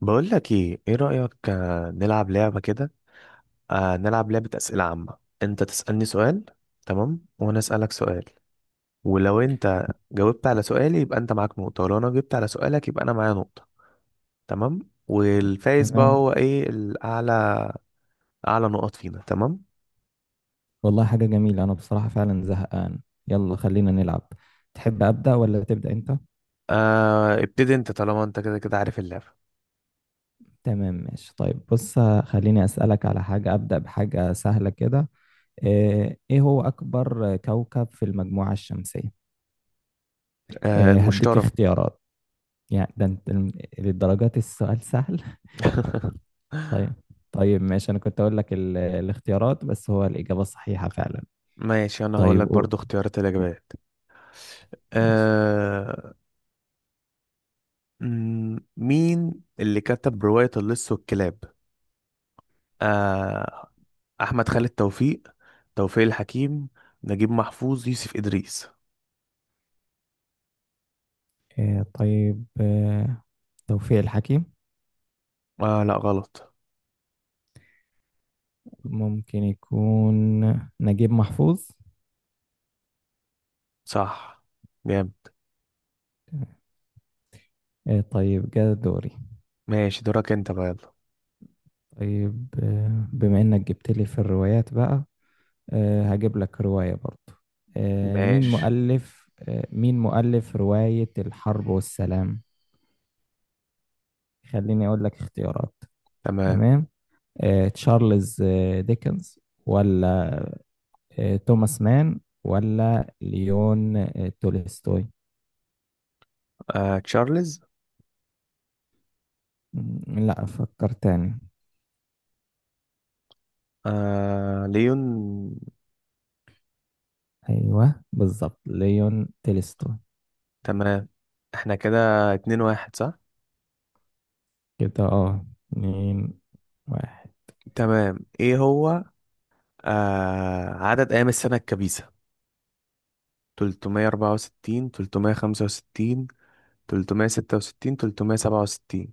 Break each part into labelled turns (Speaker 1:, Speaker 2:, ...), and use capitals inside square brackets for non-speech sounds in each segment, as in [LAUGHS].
Speaker 1: بقول لك ايه رأيك، نلعب لعبة كده. نلعب لعبة أسئلة عامة. انت تسألني سؤال، تمام، وانا أسألك سؤال. ولو انت جاوبت على سؤالي يبقى انت معاك نقطة، ولو انا جبت على سؤالك يبقى انا معايا نقطة. تمام. والفايز بقى
Speaker 2: تمام.
Speaker 1: هو ايه؟ اعلى نقط فينا. تمام.
Speaker 2: والله حاجة جميلة، أنا بصراحة فعلا زهقان. يلا خلينا نلعب. تحب أبدأ ولا تبدأ أنت؟
Speaker 1: ابتدي انت، طالما انت كده كده عارف اللعبة.
Speaker 2: تمام ماشي. طيب بص، خليني أسألك على حاجة. أبدأ بحاجة سهلة كده. إيه هو أكبر كوكب في المجموعة الشمسية؟ إيه، هديك
Speaker 1: المشترى.
Speaker 2: اختيارات يعني. ده أنت للدرجات، السؤال سهل.
Speaker 1: [LAUGHS]
Speaker 2: [LAUGHS] طيب طيب ماشي، أنا كنت أقول لك الاختيارات، بس هو الإجابة صحيحة فعلا.
Speaker 1: ماشي، انا هقول
Speaker 2: طيب
Speaker 1: لك
Speaker 2: قول.
Speaker 1: برضو اختيارات الاجابات.
Speaker 2: ماشي.
Speaker 1: آه، مين اللي كتب رواية اللص والكلاب؟ آه، أحمد خالد توفيق، توفيق الحكيم، نجيب محفوظ، يوسف إدريس.
Speaker 2: إيه، طيب، إيه، توفيق الحكيم.
Speaker 1: لا، غلط.
Speaker 2: ممكن يكون نجيب محفوظ.
Speaker 1: صح، جامد.
Speaker 2: طيب، جاء دوري.
Speaker 1: ماشي، دورك أنت بقى، يلا.
Speaker 2: طيب، بما انك جبت لي في الروايات بقى، هجيب لك رواية برضو. مين
Speaker 1: ماشي.
Speaker 2: مؤلف آه، مين مؤلف رواية الحرب والسلام. خليني اقول لك اختيارات.
Speaker 1: تمام.
Speaker 2: تمام. تشارلز ديكنز، ولا توماس مان، ولا ليون تولستوي؟
Speaker 1: تشارلز.
Speaker 2: لا، فكر تاني.
Speaker 1: ليون.
Speaker 2: ايوه بالظبط، ليون تولستوي.
Speaker 1: تمام. احنا كده اتنين واحد، صح؟
Speaker 2: كده اه، اتنين واحد.
Speaker 1: تمام، ايه هو عدد أيام السنة الكبيسة؟ 364، 365، 366، 367؟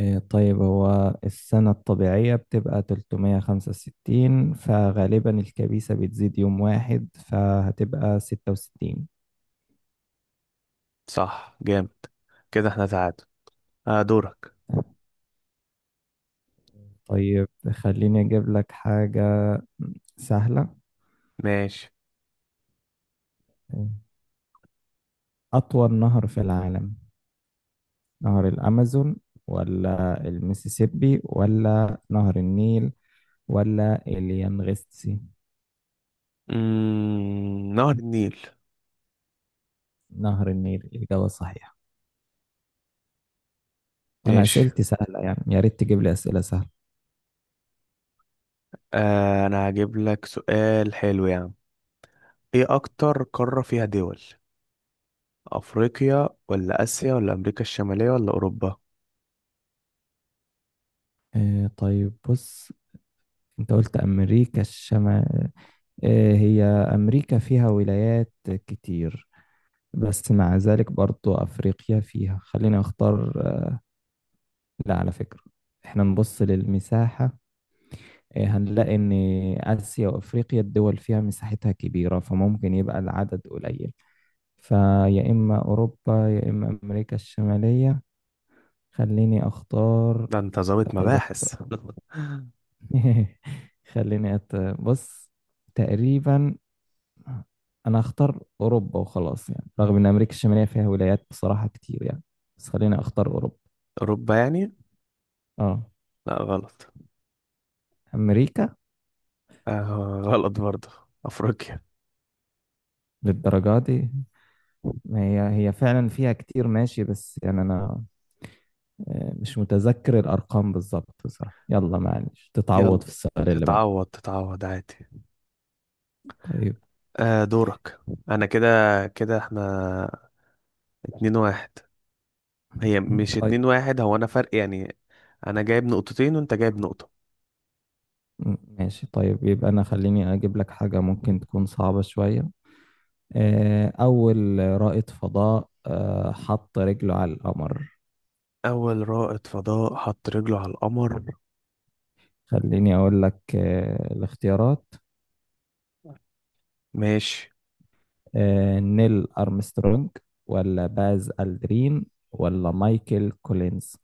Speaker 2: طيب، هو السنة الطبيعية بتبقى 365، فغالبا الكبيسة بتزيد يوم واحد، فهتبقى 66.
Speaker 1: صح، جامد. كده احنا تعادل. دورك.
Speaker 2: تمام. طيب خليني أجيب لك حاجة سهلة.
Speaker 1: ماشي.
Speaker 2: أطول نهر في العالم، نهر الأمازون، ولا المسيسيبي، ولا نهر النيل، ولا اليانغستي؟
Speaker 1: نهر النيل.
Speaker 2: نهر النيل الإجابة صحيحة. أنا
Speaker 1: ماشي.
Speaker 2: أسئلتي سهلة يعني، يا ريت تجيب لي أسئلة سهلة.
Speaker 1: انا هجيب لك سؤال حلو يعني. ايه اكتر قارة فيها دول؟ افريقيا، ولا اسيا، ولا امريكا الشمالية، ولا اوروبا؟
Speaker 2: طيب بص، انت قلت امريكا الشمال. هي امريكا فيها ولايات كتير، بس مع ذلك برضو افريقيا فيها. خلينا اختار لا على فكرة، احنا نبص للمساحة. هنلاقي ان اسيا وافريقيا الدول فيها مساحتها كبيرة، فممكن يبقى العدد قليل، فيا اما اوروبا يا اما امريكا الشمالية. خليني اختار.
Speaker 1: ده انت ظابط
Speaker 2: اتذكر.
Speaker 1: مباحث!
Speaker 2: [LAUGHS] خليني بص. تقريبا انا هختار اوروبا وخلاص، يعني رغم ان امريكا الشماليه فيها ولايات بصراحه كتير يعني، بس خليني اختار اوروبا.
Speaker 1: [LAUGHS] اوروبا، يعني؟
Speaker 2: اه،
Speaker 1: لا، غلط.
Speaker 2: امريكا.
Speaker 1: [LAUGHS] غلط برضه. افريقيا.
Speaker 2: للدرجه دي؟ ما هي هي فعلا فيها كتير، ماشي، بس يعني انا مش متذكر الارقام بالظبط بصراحه. يلا معلش،
Speaker 1: يلا،
Speaker 2: تتعوض في السؤال اللي بعد.
Speaker 1: تتعوض تتعوض عادي.
Speaker 2: طيب.
Speaker 1: دورك. انا كده. كده احنا اتنين واحد. هي مش
Speaker 2: طيب.
Speaker 1: اتنين واحد، هو انا فرق يعني. انا جايب نقطتين وانت جايب نقطة.
Speaker 2: ماشي طيب، يبقى انا خليني اجيب لك حاجه ممكن تكون صعبه شويه. اول رائد فضاء حط رجله على القمر.
Speaker 1: اول رائد فضاء حط رجله على القمر؟
Speaker 2: خليني أقول لك الاختيارات.
Speaker 1: ماشي.
Speaker 2: نيل أرمسترونج، ولا باز ألدرين، ولا مايكل كولينز؟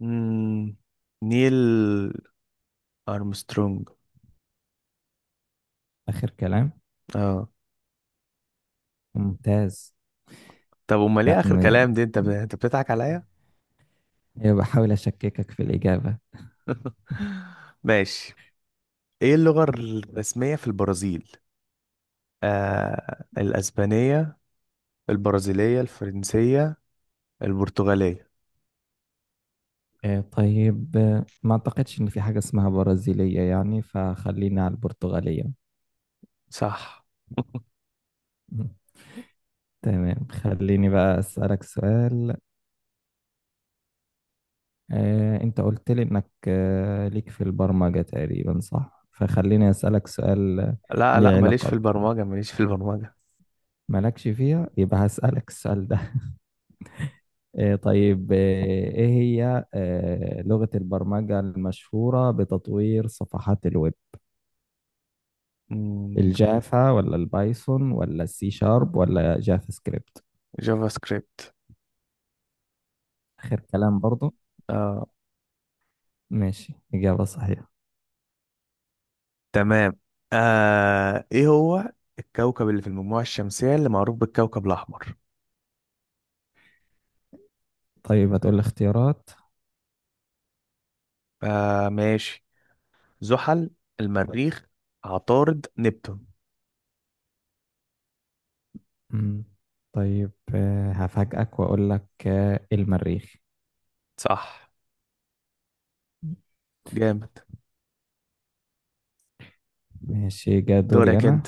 Speaker 1: مم. نيل ارمسترونج.
Speaker 2: آخر كلام.
Speaker 1: اه.
Speaker 2: ممتاز.
Speaker 1: طب امال
Speaker 2: لا،
Speaker 1: ايه اخر كلام دي؟ انت بتضحك عليا.
Speaker 2: أيوة، بحاول أشككك في الإجابة.
Speaker 1: [LAUGHS] ماشي. ايه اللغة الرسمية في البرازيل؟ الاسبانية، البرازيلية، الفرنسية، البرتغالية.
Speaker 2: طيب، ما أعتقدش إن في حاجة اسمها برازيلية يعني، فخلينا على البرتغالية.
Speaker 1: صح. [LAUGHS]
Speaker 2: [LAUGHS] تمام، خليني بقى أسألك سؤال. انت قلت لي انك ليك في البرمجة تقريبا، صح؟ فخليني اسألك سؤال
Speaker 1: لا لا،
Speaker 2: ليه
Speaker 1: ماليش
Speaker 2: علاقة
Speaker 1: في
Speaker 2: بي.
Speaker 1: البرمجة ماليش في البرمجة
Speaker 2: مالكش فيها يبقى، [LAUGHS] هسألك السؤال ده. طيب، ايه هي لغة البرمجة المشهورة بتطوير صفحات الويب؟
Speaker 1: مم،
Speaker 2: الجافا، ولا البايثون، ولا السي شارب، ولا جافا سكريبت؟
Speaker 1: جافا سكريبت.
Speaker 2: اخر كلام برضو.
Speaker 1: اه.
Speaker 2: ماشي، اجابة صحيحة.
Speaker 1: تمام. ايه هو الكوكب اللي في المجموعة الشمسية اللي معروف بالكوكب الأحمر؟
Speaker 2: طيب هتقول لي اختيارات.
Speaker 1: ماشي. زحل، المريخ، عطارد، نبتون.
Speaker 2: مم. طيب، هفاجئك واقول لك المريخ.
Speaker 1: صح، جامد.
Speaker 2: ماشي، جا دوري
Speaker 1: دورك
Speaker 2: أنا.
Speaker 1: انت.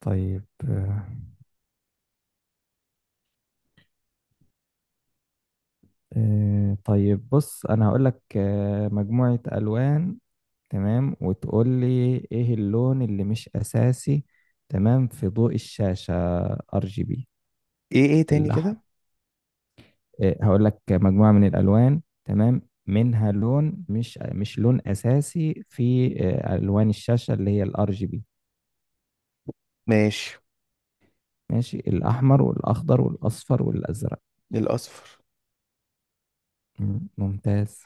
Speaker 2: طيب آه، طيب بص، أنا هقول لك مجموعة ألوان، تمام، وتقول لي إيه اللون اللي مش أساسي. تمام، في ضوء الشاشة ار جي بي،
Speaker 1: ايه تاني
Speaker 2: الأحمر.
Speaker 1: كده؟
Speaker 2: هقول لك مجموعة من الألوان، تمام، منها لون مش لون أساسي في ألوان الشاشة اللي هي الار جي بي.
Speaker 1: ماشي.
Speaker 2: ماشي. الأحمر، والأخضر، والأصفر، والأزرق.
Speaker 1: الأصفر.
Speaker 2: ممتاز.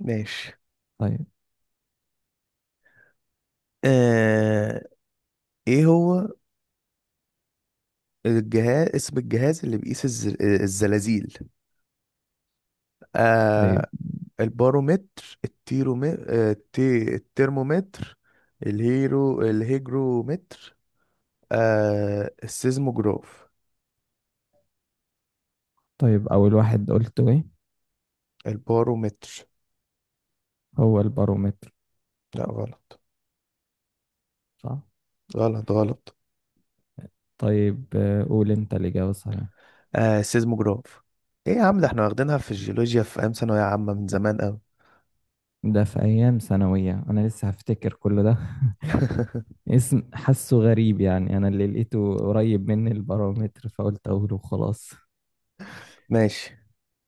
Speaker 1: ماشي.
Speaker 2: طيب
Speaker 1: آه ايه هو الجهاز، اسم الجهاز اللي بيقيس الزلازل؟
Speaker 2: طيب
Speaker 1: آه البارومتر، التيرومتر، الترمومتر، الهيجرومتر، السيزموجراف.
Speaker 2: طيب أول واحد قلته إيه؟
Speaker 1: البارومتر؟
Speaker 2: هو البارومتر،
Speaker 1: لا، غلط
Speaker 2: صح؟
Speaker 1: غلط غلط.
Speaker 2: طيب، قول أنت الإجابة الصحيحة.
Speaker 1: السيزموجراف. ايه يا عم؟ ده احنا واخدينها في الجيولوجيا في ايام ثانوية عامة من زمان قوي.
Speaker 2: ده في أيام ثانوية، أنا لسه هفتكر كل ده.
Speaker 1: [LAUGHS]
Speaker 2: [LAUGHS] اسم حاسه غريب، يعني أنا اللي لقيته قريب مني البارومتر، فقلت أقوله خلاص.
Speaker 1: ماشي.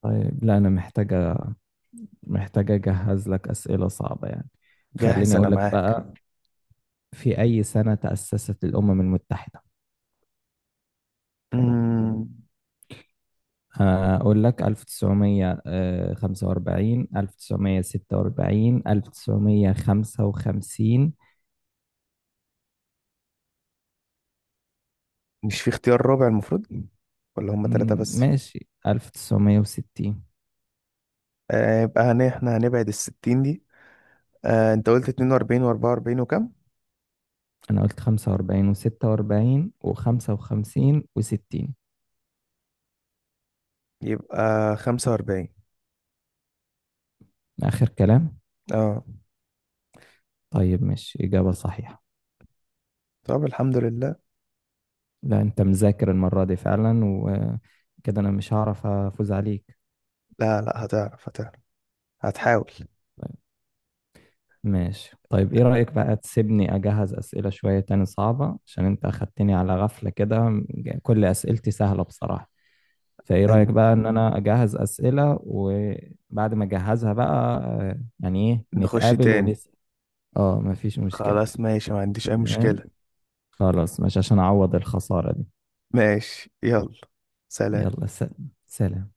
Speaker 2: طيب، لا أنا محتاجة أجهز لك أسئلة صعبة يعني.
Speaker 1: جاهز
Speaker 2: خليني
Speaker 1: انا
Speaker 2: أقول لك
Speaker 1: معاك.
Speaker 2: بقى، في أي سنة تأسست الأمم المتحدة؟
Speaker 1: مم،
Speaker 2: أقول لك 1945، 1946، 1955.
Speaker 1: مش في اختيار رابع المفروض؟ ولا هما ثلاثة بس؟
Speaker 2: ماشي، 1960.
Speaker 1: يبقى احنا هنبعد الستين دي. انت قلت 42، و44، وكم؟
Speaker 2: أنا قلت 45 و46 و55 و60.
Speaker 1: يبقى 45.
Speaker 2: آخر كلام.
Speaker 1: اه.
Speaker 2: طيب ماشي، إجابة صحيحة.
Speaker 1: طب الحمد لله.
Speaker 2: لا أنت مذاكر المرة دي فعلا، وكده أنا مش هعرف أفوز عليك.
Speaker 1: لا لا، هتعرف هتعرف، هتحاول.
Speaker 2: ماشي طيب، ايه رأيك بقى تسيبني اجهز اسئلة شوية تاني صعبة، عشان انت اخدتني على غفلة كده. كل اسئلتي سهلة بصراحة. فايه رأيك
Speaker 1: هن-
Speaker 2: بقى ان انا اجهز اسئلة، وبعد ما اجهزها بقى يعني ايه،
Speaker 1: نخش
Speaker 2: نتقابل
Speaker 1: تاني.
Speaker 2: ونسأل. اه، مفيش مشكلة.
Speaker 1: خلاص ماشي، ما عنديش اي
Speaker 2: تمام.
Speaker 1: مشكلة.
Speaker 2: خلاص، مش عشان اعوض الخسارة دي.
Speaker 1: ماشي يلا. سلام.
Speaker 2: يلا سلام.